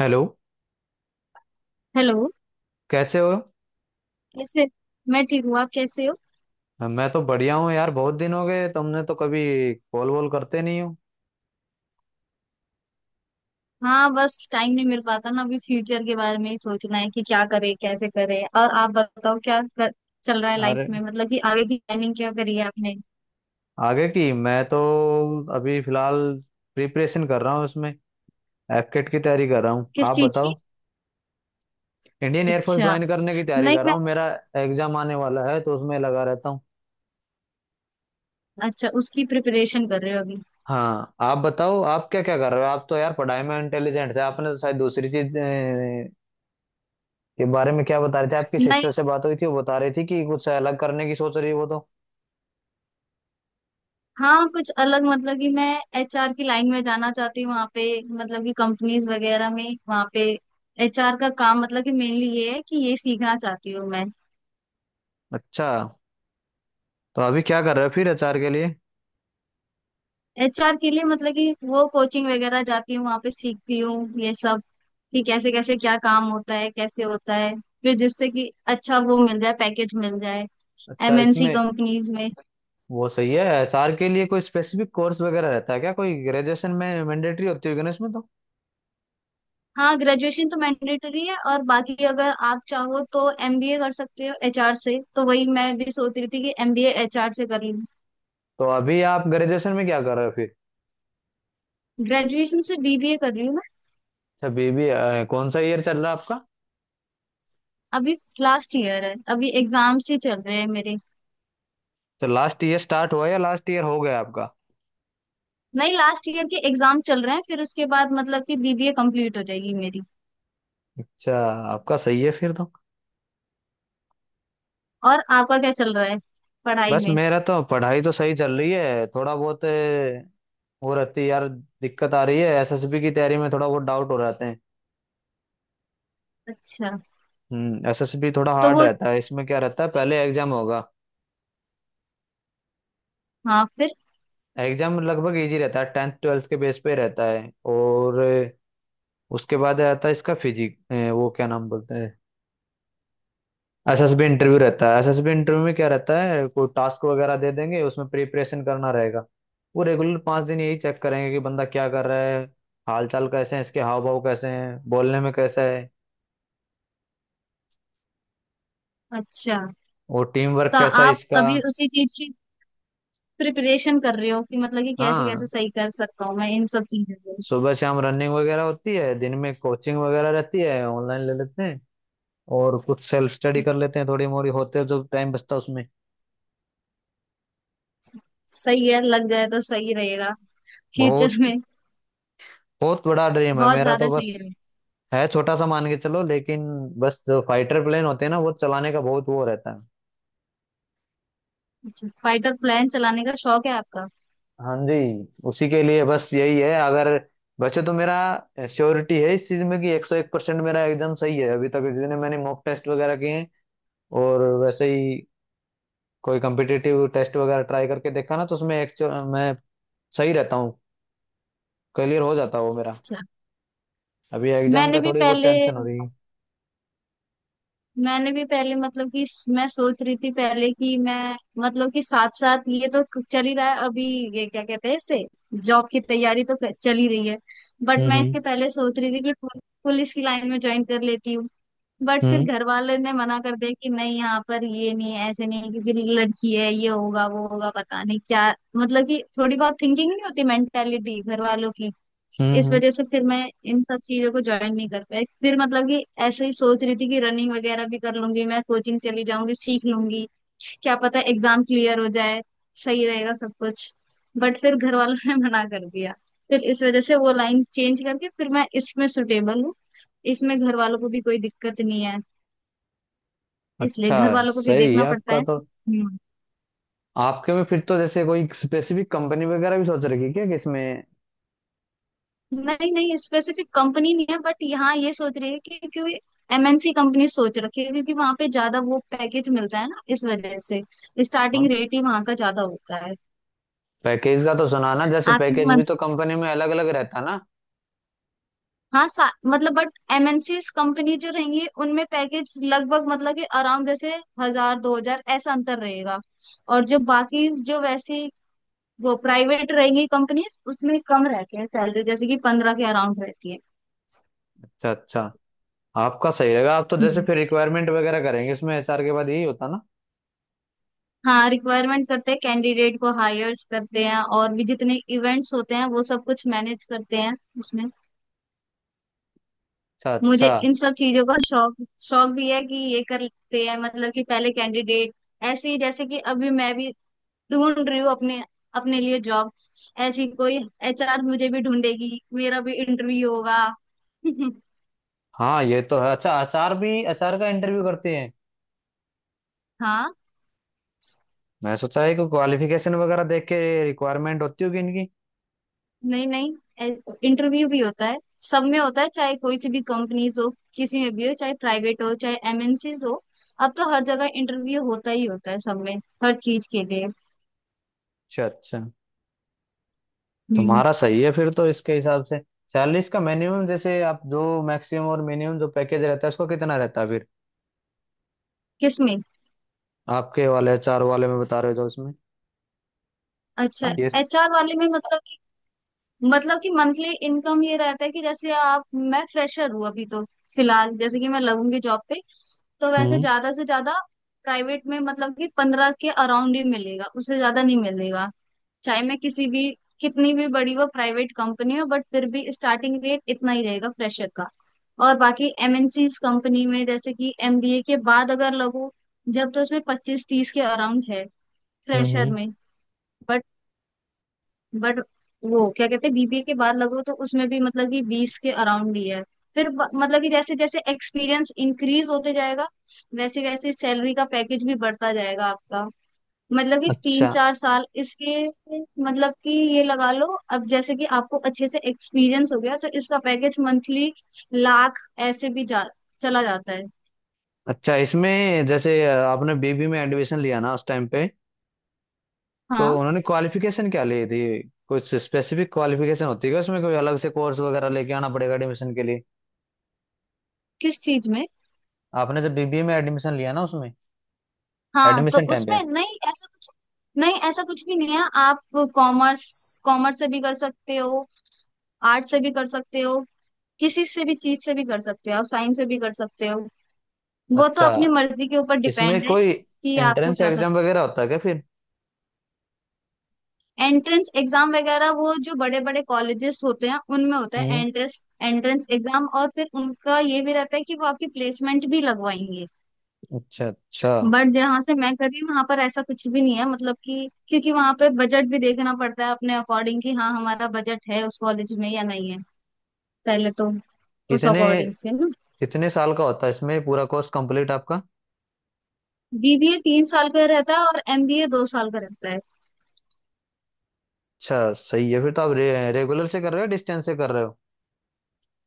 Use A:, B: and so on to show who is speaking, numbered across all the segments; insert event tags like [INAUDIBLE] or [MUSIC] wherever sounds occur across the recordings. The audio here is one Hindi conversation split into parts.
A: हेलो।
B: हेलो।
A: कैसे हो?
B: कैसे? मैं ठीक हूँ, आप कैसे हो?
A: मैं तो बढ़िया हूँ यार, बहुत दिन हो गए, तुमने तो कभी कॉल वॉल करते नहीं हो।
B: हाँ, बस टाइम नहीं मिल पाता ना, अभी फ्यूचर के बारे में ही सोचना है कि क्या करे कैसे करे। और आप बताओ, क्या चल रहा है लाइफ
A: अरे
B: में? मतलब कि आगे की प्लानिंग क्या करी है आपने?
A: आगे की मैं तो अभी फिलहाल प्रिपरेशन कर रहा हूँ, उसमें एफकेट की तैयारी कर रहा हूँ।
B: किस
A: आप
B: चीज की?
A: बताओ। इंडियन एयरफोर्स
B: अच्छा।
A: ज्वाइन करने की तैयारी
B: नहीं
A: कर
B: मैं।
A: रहा हूँ, मेरा एग्जाम आने वाला है तो उसमें लगा रहता हूँ।
B: अच्छा उसकी प्रिपरेशन कर रहे हो अभी?
A: हाँ आप बताओ, आप क्या क्या कर रहे हो? आप तो यार पढ़ाई में इंटेलिजेंट है, आपने तो शायद दूसरी चीज के बारे में क्या बता रहे थे? आपकी
B: नहीं,
A: सिस्टर से बात हुई थी, वो बता रही थी कि कुछ अलग करने की सोच रही है वो तो।
B: हाँ कुछ अलग मतलब कि मैं एचआर की लाइन में जाना चाहती हूँ वहाँ पे। मतलब कि कंपनीज वगैरह में वहाँ पे एचआर का काम, मतलब कि मेनली ये है कि ये सीखना चाहती हूँ मैं।
A: अच्छा तो अभी क्या कर रहे हो फिर एचआर के लिए?
B: एचआर के लिए मतलब कि वो कोचिंग वगैरह जाती हूँ, वहां पे सीखती हूँ ये सब कि कैसे कैसे क्या काम होता है कैसे होता है। फिर जिससे कि अच्छा वो मिल जाए, पैकेज मिल जाए
A: अच्छा
B: एमएनसी
A: इसमें
B: कंपनीज में।
A: वो सही है, एचआर के लिए कोई स्पेसिफिक कोर्स वगैरह रहता है क्या? कोई ग्रेजुएशन में मैंडेटरी होती होगी ना इसमें तो।
B: हाँ, ग्रेजुएशन तो मैंडेटरी है, और बाकी अगर आप चाहो तो एमबीए कर सकते हो एचआर से। तो वही मैं भी सोच रही थी कि एमबीए एचआर से कर लूँ।
A: तो अभी आप ग्रेजुएशन में क्या कर रहे हो फिर?
B: ग्रेजुएशन से बीबीए कर रही हूँ मैं
A: अच्छा बीबी, कौन सा ईयर चल रहा है आपका?
B: अभी। लास्ट ईयर है, अभी एग्जाम्स ही चल रहे हैं मेरे।
A: तो लास्ट ईयर स्टार्ट हुआ या लास्ट ईयर हो गया आपका?
B: नहीं, लास्ट ईयर के एग्जाम चल रहे हैं, फिर उसके बाद मतलब कि बीबीए कंप्लीट हो जाएगी मेरी।
A: अच्छा, आपका सही है फिर तो।
B: और आपका क्या चल रहा है पढ़ाई
A: बस
B: में?
A: मेरा तो पढ़ाई तो सही चल रही है, थोड़ा बहुत वो रहती है यार, दिक्कत आ रही है एसएसबी की तैयारी में, थोड़ा बहुत डाउट हो रहते हैं।
B: अच्छा।
A: हम्म, एसएसबी थोड़ा
B: तो
A: हार्ड
B: वो
A: रहता है, इसमें क्या रहता है? पहले एग्जाम होगा,
B: हाँ फिर।
A: एग्जाम लगभग इजी रहता है, टेंथ ट्वेल्थ के बेस पे रहता है। और उसके बाद रहता है इसका फिजिक, वो क्या नाम बोलते हैं, एसएसबी इंटरव्यू रहता है। एसएसबी इंटरव्यू में क्या रहता है, कोई टास्क वगैरह दे देंगे, उसमें प्रिपरेशन करना रहेगा। वो रेगुलर 5 दिन यही चेक करेंगे कि बंदा क्या कर रहा है, हाल चाल कैसे हैं, इसके हाव भाव कैसे हैं, बोलने में कैसा है
B: अच्छा
A: और टीम वर्क
B: तो
A: कैसा है
B: आप
A: इसका।
B: अभी उसी चीज की प्रिपरेशन कर रहे हो कि मतलब कि कैसे कैसे
A: हाँ
B: सही कर सकता हूँ मैं इन सब चीजों को?
A: सुबह शाम रनिंग वगैरह होती है, दिन में कोचिंग वगैरह रहती है, ऑनलाइन ले लेते हैं, और कुछ सेल्फ स्टडी कर लेते हैं थोड़ी मोड़ी, होते हैं जो टाइम बचता है उसमें।
B: अच्छा, सही है, लग जाए तो सही रहेगा फ्यूचर
A: बहुत
B: में।
A: बहुत बड़ा ड्रीम है
B: बहुत
A: मेरा
B: ज्यादा
A: तो बस,
B: सही रहेगा।
A: है छोटा सा मान के चलो लेकिन, बस जो फाइटर प्लेन होते हैं ना वो चलाने का बहुत वो रहता है।
B: अच्छा, फाइटर प्लान चलाने का शौक है आपका?
A: हाँ जी, उसी के लिए बस यही है, अगर वैसे तो मेरा श्योरिटी है इस चीज में कि 101% मेरा एग्जाम सही है, अभी तक जितने मैंने मॉक टेस्ट वगैरह किए हैं और वैसे ही कोई कम्पिटिटिव टेस्ट वगैरह ट्राई करके देखा ना तो उसमें एक्चुअल मैं सही रहता हूँ, क्लियर हो जाता है वो मेरा।
B: अच्छा।
A: अभी एग्जाम
B: मैंने
A: का
B: भी
A: थोड़ी बहुत
B: पहले,
A: टेंशन हो रही है।
B: मैं सोच रही थी पहले कि मैं, मतलब कि साथ साथ ये तो चल ही रहा है अभी। ये क्या कहते हैं इसे, जॉब की तैयारी तो चल ही रही है। बट
A: हम्म।
B: मैं
A: हम्म।
B: इसके पहले सोच रही थी कि पुलिस की लाइन में ज्वाइन कर लेती हूँ। बट फिर
A: हम्म।
B: घर वाले ने मना कर दिया कि नहीं, यहाँ पर ये नहीं है, ऐसे नहीं है, क्योंकि लड़की है, ये होगा वो होगा पता नहीं क्या। मतलब कि थोड़ी बहुत थिंकिंग नहीं होती, मेंटेलिटी घर वालों की।
A: हम्म।
B: इस
A: हम्म।
B: वजह से फिर मैं इन सब चीजों को ज्वाइन नहीं कर पाई। फिर मतलब कि ऐसे ही सोच रही थी कि रनिंग वगैरह भी कर लूंगी मैं, कोचिंग चली जाऊंगी, सीख लूंगी, क्या पता एग्जाम क्लियर हो जाए, सही रहेगा सब कुछ। बट फिर घर वालों ने [LAUGHS] मना कर दिया। फिर इस वजह से वो लाइन चेंज करके फिर मैं इसमें सुटेबल हूँ। इसमें घर वालों को भी कोई दिक्कत नहीं है, इसलिए
A: अच्छा
B: घर
A: है,
B: वालों को भी
A: सही है
B: देखना पड़ता
A: आपका
B: है।
A: तो। आपके में फिर तो जैसे कोई स्पेसिफिक कंपनी वगैरह भी सोच रखी है क्या कि इसमें?
B: नहीं नहीं, स्पेसिफिक कंपनी नहीं है, बट यहाँ ये सोच रही है कि क्योंकि एमएनसी कंपनी सोच रखी है, क्योंकि वहां पे ज्यादा वो पैकेज मिलता है ना, इस वजह से स्टार्टिंग रेट ही वहां का ज्यादा होता है।
A: पैकेज का तो सुना ना, जैसे
B: आपकी
A: पैकेज भी
B: मन
A: तो कंपनी में अलग अलग रहता ना।
B: हाँ मतलब बट एमएनसी कंपनी जो रहेंगी उनमें पैकेज लगभग मतलब कि अराउंड जैसे हजार दो हजार ऐसा अंतर रहेगा। और जो बाकी जो वैसी वो प्राइवेट रहेंगी कंपनी, उसमें कम रहती है सैलरी, जैसे कि पंद्रह के अराउंड रहती
A: अच्छा अच्छा, आपका सही रहेगा, आप तो जैसे
B: है।
A: फिर रिक्वायरमेंट वगैरह करेंगे इसमें, एचआर के बाद यही होता ना?
B: हाँ, रिक्वायरमेंट करते हैं, कैंडिडेट को हायर्स करते हैं, और भी जितने इवेंट्स होते हैं वो सब कुछ मैनेज करते हैं उसमें।
A: अच्छा
B: मुझे
A: अच्छा।
B: इन सब चीजों का शौक, शौक भी है कि ये करते हैं मतलब कि पहले कैंडिडेट। ऐसे ही जैसे कि अभी मैं भी ढूंढ रही हूँ अपने, अपने लिए जॉब, ऐसी कोई एचआर मुझे भी ढूंढेगी, मेरा भी इंटरव्यू होगा। [LAUGHS]
A: हाँ ये तो है, अच्छा एचआर भी एचआर का इंटरव्यू करते हैं?
B: हाँ।
A: मैं सोचा है कि क्वालिफिकेशन वगैरह देख के रिक्वायरमेंट होती होगी इनकी।
B: नहीं नहीं, इंटरव्यू भी होता है, सब में होता है, चाहे कोई सी भी कंपनीज हो, किसी में भी हो, चाहे प्राइवेट हो चाहे एमएनसीज हो, अब तो हर जगह इंटरव्यू होता ही होता है सब में, हर चीज के लिए।
A: अच्छा अच्छा।
B: हम्म।
A: तुम्हारा सही है फिर तो, इसके हिसाब से सैलरी इसका मिनिमम जैसे, आप जो मैक्सिमम और मिनिमम जो पैकेज रहता है उसको कितना रहता है?
B: किसमें?
A: आपके वाले चार वाले में बता रहे हो जो, इसमें
B: अच्छा,
A: आईएएस।
B: एचआर वाले में मतलब कि, मतलब कि मंथली इनकम ये रहता है कि जैसे आप, मैं फ्रेशर हूँ अभी तो फिलहाल जैसे कि मैं लगूंगी जॉब पे तो वैसे
A: हम्म।
B: ज्यादा से ज्यादा प्राइवेट में मतलब कि पंद्रह के अराउंड ही मिलेगा, उससे ज्यादा नहीं मिलेगा, चाहे मैं किसी भी, कितनी भी बड़ी वो प्राइवेट कंपनी हो, बट फिर भी स्टार्टिंग रेट इतना ही रहेगा फ्रेशर का। और बाकी एमएनसीज कंपनी में जैसे कि एमबीए के बाद अगर लगो जब, तो उसमें पच्चीस तीस के अराउंड है
A: हम्म।
B: फ्रेशर
A: हम्म।
B: में। बट बट वो क्या कहते हैं, बीबीए के बाद लगो तो उसमें भी मतलब कि बीस के अराउंड ही है। फिर मतलब कि जैसे जैसे एक्सपीरियंस इंक्रीज होते जाएगा वैसे वैसे सैलरी का पैकेज भी बढ़ता जाएगा आपका। मतलब कि तीन
A: अच्छा
B: चार साल इसके मतलब कि ये लगा लो, अब जैसे कि आपको अच्छे से एक्सपीरियंस हो गया तो इसका पैकेज मंथली लाख ऐसे भी जा, चला जाता है।
A: अच्छा, इसमें जैसे आपने बीबी में एडमिशन लिया ना उस टाइम पे, तो
B: हाँ।
A: उन्होंने क्वालिफिकेशन क्या ली थी? कुछ स्पेसिफिक क्वालिफिकेशन होती है क्या उसमें? कोई अलग से कोर्स वगैरह लेके आना पड़ेगा एडमिशन के लिए?
B: किस चीज में?
A: आपने जब बीबीए में एडमिशन लिया ना उसमें,
B: हाँ तो
A: एडमिशन टाइम पे।
B: उसमें नहीं ऐसा कुछ, नहीं ऐसा कुछ भी नहीं है आप। कॉमर्स, कॉमर्स से भी कर सकते हो, आर्ट से भी कर सकते हो, किसी से भी चीज से भी कर सकते हो, आप साइंस से भी कर सकते हो। वो तो
A: अच्छा,
B: अपनी मर्जी के ऊपर
A: इसमें
B: डिपेंड है
A: कोई
B: कि आपको
A: एंट्रेंस
B: क्या करना
A: एग्जाम
B: है।
A: वगैरह होता है क्या फिर?
B: एंट्रेंस एग्जाम वगैरह वो जो बड़े बड़े कॉलेजेस होते हैं उनमें होता है
A: हम्म,
B: एंट्रेंस, एंट्रेंस एग्जाम, और फिर उनका ये भी रहता है कि वो आपकी प्लेसमेंट भी लगवाएंगे।
A: अच्छा अच्छा।
B: बट जहाँ से मैं कर रही हूँ वहां पर ऐसा कुछ भी नहीं है, मतलब कि क्योंकि वहां पे बजट भी देखना पड़ता है अपने अकॉर्डिंग कि हाँ हमारा बजट है उस कॉलेज में या नहीं है पहले तो, उस
A: कितने,
B: अकॉर्डिंग से ना।
A: कितने साल का होता है इसमें पूरा कोर्स कंप्लीट आपका?
B: बीबीए तीन साल का रहता है और एमबीए दो साल का रहता है।
A: अच्छा सही है फिर तो, आप रेगुलर से कर रहे हो, डिस्टेंस से कर रहे हो?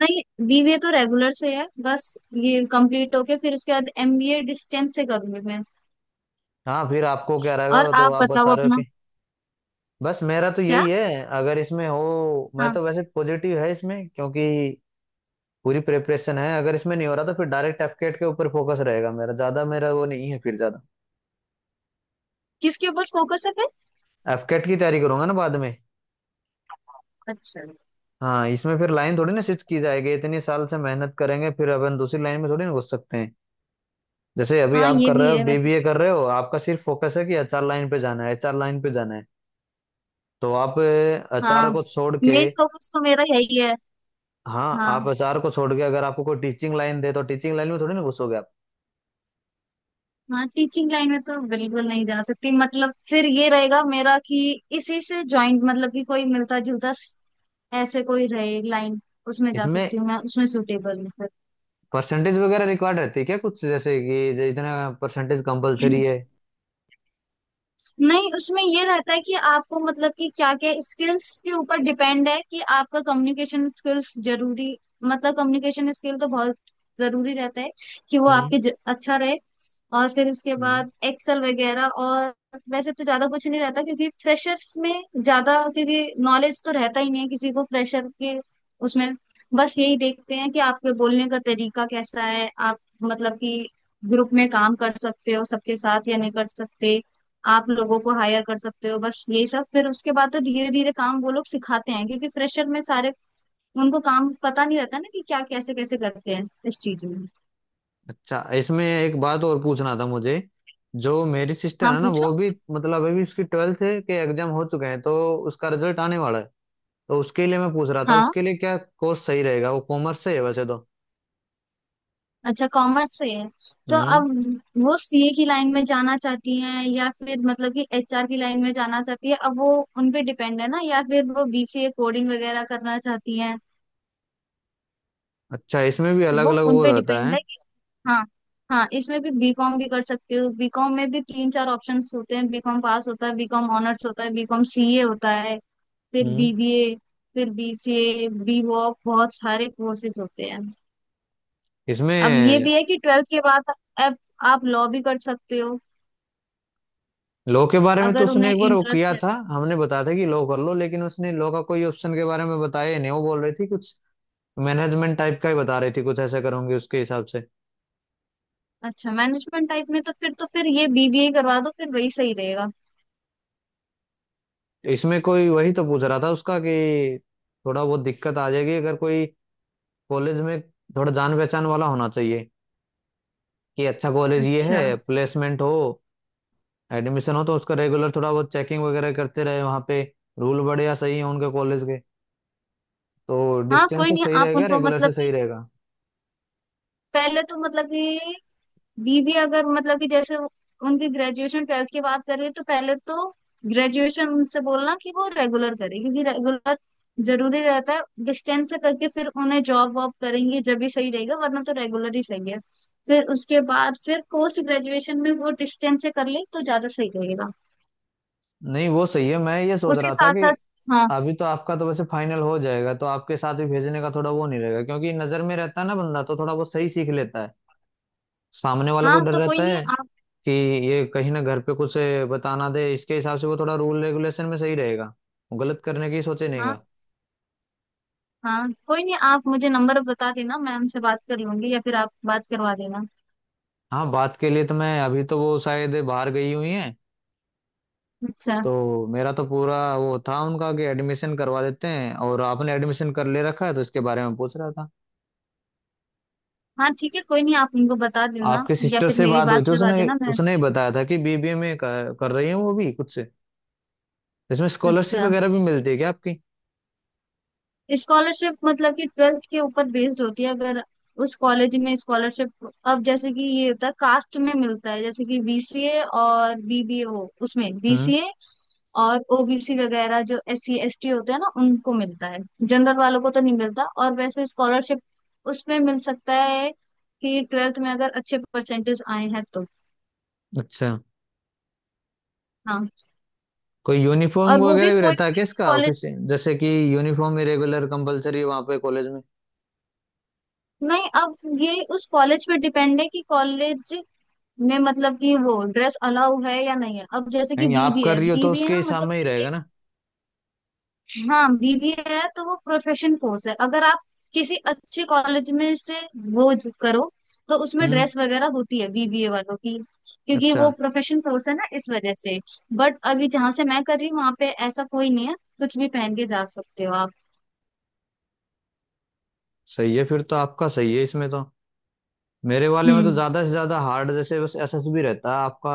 B: नहीं, बीबीए तो रेगुलर से है बस, ये कंप्लीट होके फिर उसके बाद एमबीए डिस्टेंस से करूंगी मैं।
A: हाँ फिर आपको क्या
B: और
A: रहेगा तो
B: आप
A: आप
B: बताओ
A: बता रहे हो
B: अपना।
A: कि, बस मेरा तो
B: क्या?
A: यही है, अगर इसमें हो, मैं
B: हाँ।
A: तो वैसे पॉजिटिव है इसमें, क्योंकि पूरी प्रिपरेशन है। अगर इसमें नहीं हो रहा तो फिर डायरेक्ट एफकेट के ऊपर फोकस रहेगा मेरा ज्यादा, मेरा वो नहीं है फिर ज्यादा,
B: किसके ऊपर फोकस है फिर?
A: एफकेट की तैयारी करूंगा ना बाद में।
B: अच्छा।
A: हाँ इसमें फिर लाइन थोड़ी ना स्विच की जाएगी, इतने साल से मेहनत करेंगे फिर अपन दूसरी लाइन में थोड़ी ना घुस सकते हैं। जैसे अभी
B: हाँ
A: आप
B: ये
A: कर
B: भी
A: रहे हो,
B: है वैसे।
A: बीबीए कर रहे हो, आपका सिर्फ फोकस है कि एचआर लाइन पे जाना है एचआर लाइन पे जाना है। तो आप अचार
B: हाँ,
A: को छोड़ के,
B: मेन फोकस तो मेरा है ही है।
A: हाँ आप
B: हाँ।
A: अचार को छोड़ के अगर आपको कोई टीचिंग लाइन दे तो टीचिंग लाइन में थोड़ी ना घुसोगे आप।
B: हाँ टीचिंग लाइन में तो बिल्कुल नहीं जा सकती, मतलब फिर ये रहेगा मेरा कि इसी से ज्वाइंट मतलब कि कोई मिलता जुलता ऐसे कोई रहे लाइन उसमें जा
A: इसमें
B: सकती हूँ मैं, उसमें सुटेबल हूँ फिर।
A: परसेंटेज वगैरह रिक्वायर्ड रहती है क्या कुछ, जैसे कि इतना परसेंटेज कंपलसरी है?
B: नहीं, उसमें ये रहता है कि आपको मतलब कि क्या क्या स्किल्स के ऊपर डिपेंड है कि आपका कम्युनिकेशन स्किल्स जरूरी, मतलब कम्युनिकेशन स्किल तो बहुत जरूरी रहता है कि वो
A: हम्म
B: आपके अच्छा रहे। और फिर उसके
A: हम्म।
B: बाद एक्सेल वगैरह। और वैसे तो ज्यादा कुछ नहीं रहता क्योंकि फ्रेशर्स में ज्यादा, क्योंकि नॉलेज तो रहता ही नहीं है किसी को फ्रेशर के, उसमें बस यही देखते हैं कि आपके बोलने का तरीका कैसा है, आप मतलब कि ग्रुप में काम कर सकते हो सबके साथ या नहीं कर सकते, आप लोगों को हायर कर सकते हो, बस यही सब। फिर उसके बाद तो धीरे धीरे काम वो लोग सिखाते हैं, क्योंकि फ्रेशर में सारे उनको काम पता नहीं रहता ना कि क्या कैसे कैसे करते हैं इस चीज में।
A: अच्छा इसमें एक बात और पूछना था मुझे, जो मेरी सिस्टर
B: हाँ
A: है ना
B: पूछो।
A: वो भी, मतलब अभी उसकी ट्वेल्थ है, के एग्जाम हो चुके हैं तो उसका रिजल्ट आने वाला है, तो उसके लिए मैं पूछ रहा था
B: हाँ,
A: उसके लिए क्या कोर्स सही रहेगा, वो कॉमर्स से है वैसे तो।
B: अच्छा कॉमर्स से है। तो
A: हम्म,
B: अब वो सीए की लाइन में जाना चाहती हैं या फिर मतलब कि एचआर की लाइन में जाना चाहती है, अब वो उन पे डिपेंड है ना, या फिर वो बीसीए कोडिंग वगैरह करना चाहती हैं।
A: अच्छा इसमें भी अलग
B: वो
A: अलग वो
B: उनपे
A: रहता
B: डिपेंड
A: है।
B: है कि। हाँ। हाँ इसमें भी बीकॉम भी कर सकते हो, बीकॉम में भी तीन चार ऑप्शंस होते हैं, बीकॉम पास होता है, बीकॉम ऑनर्स होता है, बीकॉम सीए होता है, फिर
A: हम्म
B: बीबीए, फिर बीसीए, बीवॉक, बहुत सारे कोर्सेज होते हैं। अब ये
A: इसमें,
B: भी है कि ट्वेल्थ के बाद अब आप लॉ भी कर सकते हो
A: लॉ के बारे में तो
B: अगर
A: उसने
B: उन्हें
A: एक बार वो
B: इंटरेस्ट
A: किया
B: है
A: था,
B: तो।
A: हमने बताया था कि लॉ कर लो, लेकिन उसने लॉ का कोई ऑप्शन के बारे में बताया ही नहीं, वो बोल रही थी कुछ मैनेजमेंट टाइप का ही बता रही थी, कुछ ऐसा करूंगी उसके हिसाब से।
B: अच्छा, मैनेजमेंट टाइप में तो फिर, तो फिर ये बीबीए करवा दो, फिर वही सही रहेगा।
A: इसमें कोई, वही तो पूछ रहा था उसका कि थोड़ा बहुत दिक्कत आ जाएगी अगर कोई कॉलेज में, थोड़ा जान पहचान वाला होना चाहिए कि अच्छा कॉलेज ये
B: अच्छा।
A: है, प्लेसमेंट हो, एडमिशन हो तो उसका रेगुलर थोड़ा बहुत चेकिंग वगैरह करते रहे वहाँ पे, रूल बढ़िया सही है उनके कॉलेज के। तो
B: हाँ
A: डिस्टेंस
B: कोई
A: से
B: नहीं,
A: सही
B: आप
A: रहेगा,
B: उनको
A: रेगुलर
B: मतलब
A: से सही
B: कि
A: रहेगा?
B: पहले तो मतलब कि बीबी अगर मतलब कि जैसे उनकी ग्रेजुएशन ट्वेल्थ की बात करें तो पहले तो ग्रेजुएशन उनसे बोलना कि वो रेगुलर करे, क्योंकि रेगुलर जरूरी रहता है, डिस्टेंस से करके फिर उन्हें जॉब वॉब करेंगे जब भी सही रहेगा, वरना तो रेगुलर ही सही है। फिर उसके बाद फिर पोस्ट ग्रेजुएशन में वो डिस्टेंस से कर ले तो ज्यादा सही रहेगा।
A: नहीं वो सही है, मैं ये सोच
B: उसके
A: रहा था
B: साथ
A: कि
B: साथ हाँ।
A: अभी तो आपका तो वैसे फाइनल हो जाएगा तो आपके साथ भी भेजने का थोड़ा वो नहीं रहेगा, क्योंकि नजर में रहता है ना बंदा तो थोड़ा वो सही सीख लेता है, सामने वाला को
B: हाँ
A: डर
B: तो
A: रहता
B: कोई नहीं
A: है
B: आप।
A: कि ये कहीं ना घर पे कुछ बताना दे, इसके हिसाब से वो थोड़ा रूल रेगुलेशन में सही रहेगा, वो गलत करने की सोचे
B: हाँ,
A: नहींगा।
B: हाँ कोई नहीं, आप मुझे नंबर बता देना, मैम से बात कर लूंगी, या फिर आप बात करवा देना।
A: हाँ बात के लिए तो मैं, अभी तो वो शायद बाहर गई हुई हैं,
B: अच्छा।
A: तो मेरा तो पूरा वो था उनका कि एडमिशन करवा देते हैं, और आपने एडमिशन कर ले रखा है तो इसके बारे में पूछ रहा था।
B: हाँ ठीक है, कोई नहीं, आप उनको बता देना।
A: आपके
B: या
A: सिस्टर
B: फिर
A: से
B: मेरी
A: बात हुई
B: बात
A: थी
B: करवा
A: उसने,
B: देना मैं।
A: उसने ही बताया था कि बीबीए में कर रही है वो भी खुद से। इसमें स्कॉलरशिप
B: अच्छा,
A: वगैरह भी मिलती है क्या आपकी?
B: स्कॉलरशिप मतलब कि ट्वेल्थ के ऊपर बेस्ड होती है अगर उस कॉलेज में स्कॉलरशिप, अब जैसे कि ये होता है कास्ट में मिलता है, जैसे कि बीसीए और बीबीए वो उसमें
A: हम्म,
B: बीसीए और ओबीसी वगैरह जो एस सी एस टी होते हैं ना उनको मिलता है, जनरल वालों को तो नहीं मिलता। और वैसे स्कॉलरशिप उसमें मिल सकता है कि ट्वेल्थ में अगर अच्छे परसेंटेज आए हैं तो।
A: अच्छा।
B: हाँ।
A: कोई यूनिफॉर्म
B: और वो भी
A: वगैरह भी
B: कोई
A: रहता है
B: कोई
A: क्या
B: से
A: इसका ऑफिस,
B: कॉलेज।
A: जैसे कि यूनिफॉर्म ही रेगुलर कंपलसरी है वहाँ पे कॉलेज में?
B: नहीं अब, ये उस कॉलेज पे डिपेंड है कि कॉलेज में मतलब कि वो ड्रेस अलाउ है या नहीं है, अब जैसे कि
A: नहीं आप
B: बीबीए
A: कर
B: है,
A: रही हो तो
B: बीबीए
A: उसके
B: ना
A: हिसाब
B: मतलब
A: में ही
B: कि एक,
A: रहेगा ना?
B: हाँ बीबीए है तो वो प्रोफेशन कोर्स है। अगर आप किसी अच्छे कॉलेज में से वो करो तो उसमें
A: हम्म
B: ड्रेस वगैरह होती है बीबीए वालों की, क्योंकि
A: अच्छा,
B: वो प्रोफेशन कोर्स है ना इस वजह से। बट अभी जहां से मैं कर रही हूँ वहां पे ऐसा कोई नहीं है, कुछ भी पहन के जा सकते हो आप।
A: सही है फिर तो आपका सही है इसमें तो। मेरे वाले में तो
B: हम्म।
A: ज्यादा से ज्यादा हार्ड जैसे बस एसएसबी रहता है आपका,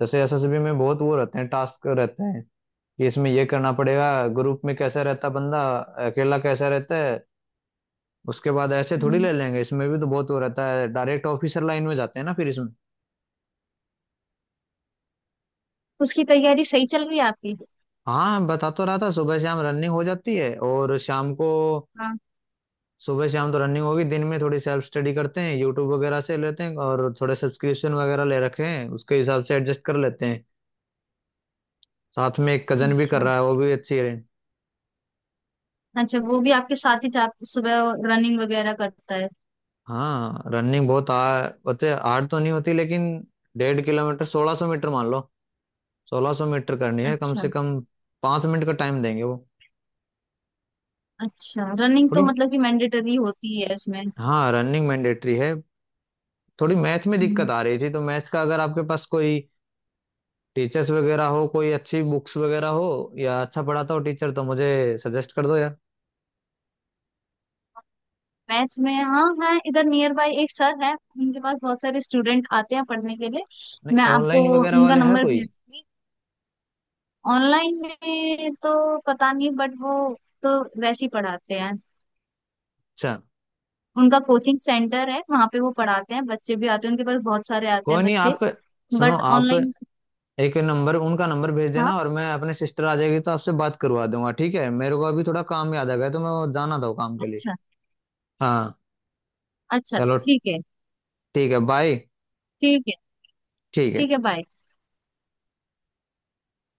A: जैसे एसएसबी में बहुत वो रहते हैं, टास्क रहते हैं कि इसमें ये करना पड़ेगा, ग्रुप में कैसा रहता बंदा, अकेला कैसा रहता है, उसके बाद ऐसे थोड़ी
B: हम्म।
A: ले लेंगे इसमें, भी तो बहुत वो रहता है डायरेक्ट ऑफिसर लाइन में जाते हैं ना फिर इसमें।
B: उसकी तैयारी सही चल रही है आपकी?
A: हाँ बता तो रहा था, सुबह शाम रनिंग हो जाती है और शाम को,
B: हाँ।
A: सुबह शाम तो रनिंग होगी, दिन में थोड़ी सेल्फ स्टडी करते हैं, यूट्यूब वगैरह से लेते हैं और थोड़े सब्सक्रिप्शन वगैरह ले रखे हैं, उसके हिसाब से एडजस्ट कर लेते हैं। साथ में एक कजन भी कर
B: अच्छा,
A: रहा है, वो भी अच्छी है।
B: अच्छा वो भी आपके साथ ही जात सुबह रनिंग वगैरह करता है?
A: हाँ रनिंग बहुत होते, हार्ड तो नहीं होती लेकिन 1.5 किलोमीटर 1600 मीटर मान लो, 1600 मीटर करनी है कम
B: अच्छा।
A: से कम, 5 मिनट का टाइम देंगे वो,
B: अच्छा रनिंग तो
A: थोड़ी।
B: मतलब कि मैंडेटरी होती है इसमें?
A: हाँ रनिंग मैंडेटरी है। थोड़ी मैथ में
B: हम्म।
A: दिक्कत आ रही थी तो मैथ्स का अगर आपके पास कोई टीचर्स वगैरह हो, कोई अच्छी बुक्स वगैरह हो या अच्छा पढ़ाता हो टीचर तो मुझे सजेस्ट कर दो यार।
B: मैथ्स में हाँ है, इधर नियर बाय एक सर है, उनके पास बहुत सारे स्टूडेंट आते हैं पढ़ने के लिए।
A: नहीं
B: मैं आपको
A: ऑनलाइन वगैरह
B: उनका
A: वाले है
B: नंबर भेज
A: कोई
B: दूंगी। ऑनलाइन में तो पता नहीं, बट वो तो वैसे ही पढ़ाते हैं।
A: अच्छा?
B: उनका कोचिंग सेंटर है, वहां पे वो पढ़ाते हैं, बच्चे भी आते हैं उनके पास, बहुत सारे आते
A: कोई
B: हैं
A: नहीं,
B: बच्चे।
A: आप सुनो,
B: बट
A: आप
B: ऑनलाइन।
A: एक नंबर, उनका नंबर भेज
B: हाँ।
A: देना और मैं अपने सिस्टर आ जाएगी तो आपसे बात करवा दूंगा, ठीक है? मेरे को अभी थोड़ा काम याद आ गया तो मैं जाना था वो काम के लिए।
B: अच्छा।
A: हाँ
B: अच्छा।
A: चलो,
B: ठीक है।
A: ठीक है, बाय।
B: ठीक है।
A: ठीक है।
B: ठीक है बाय।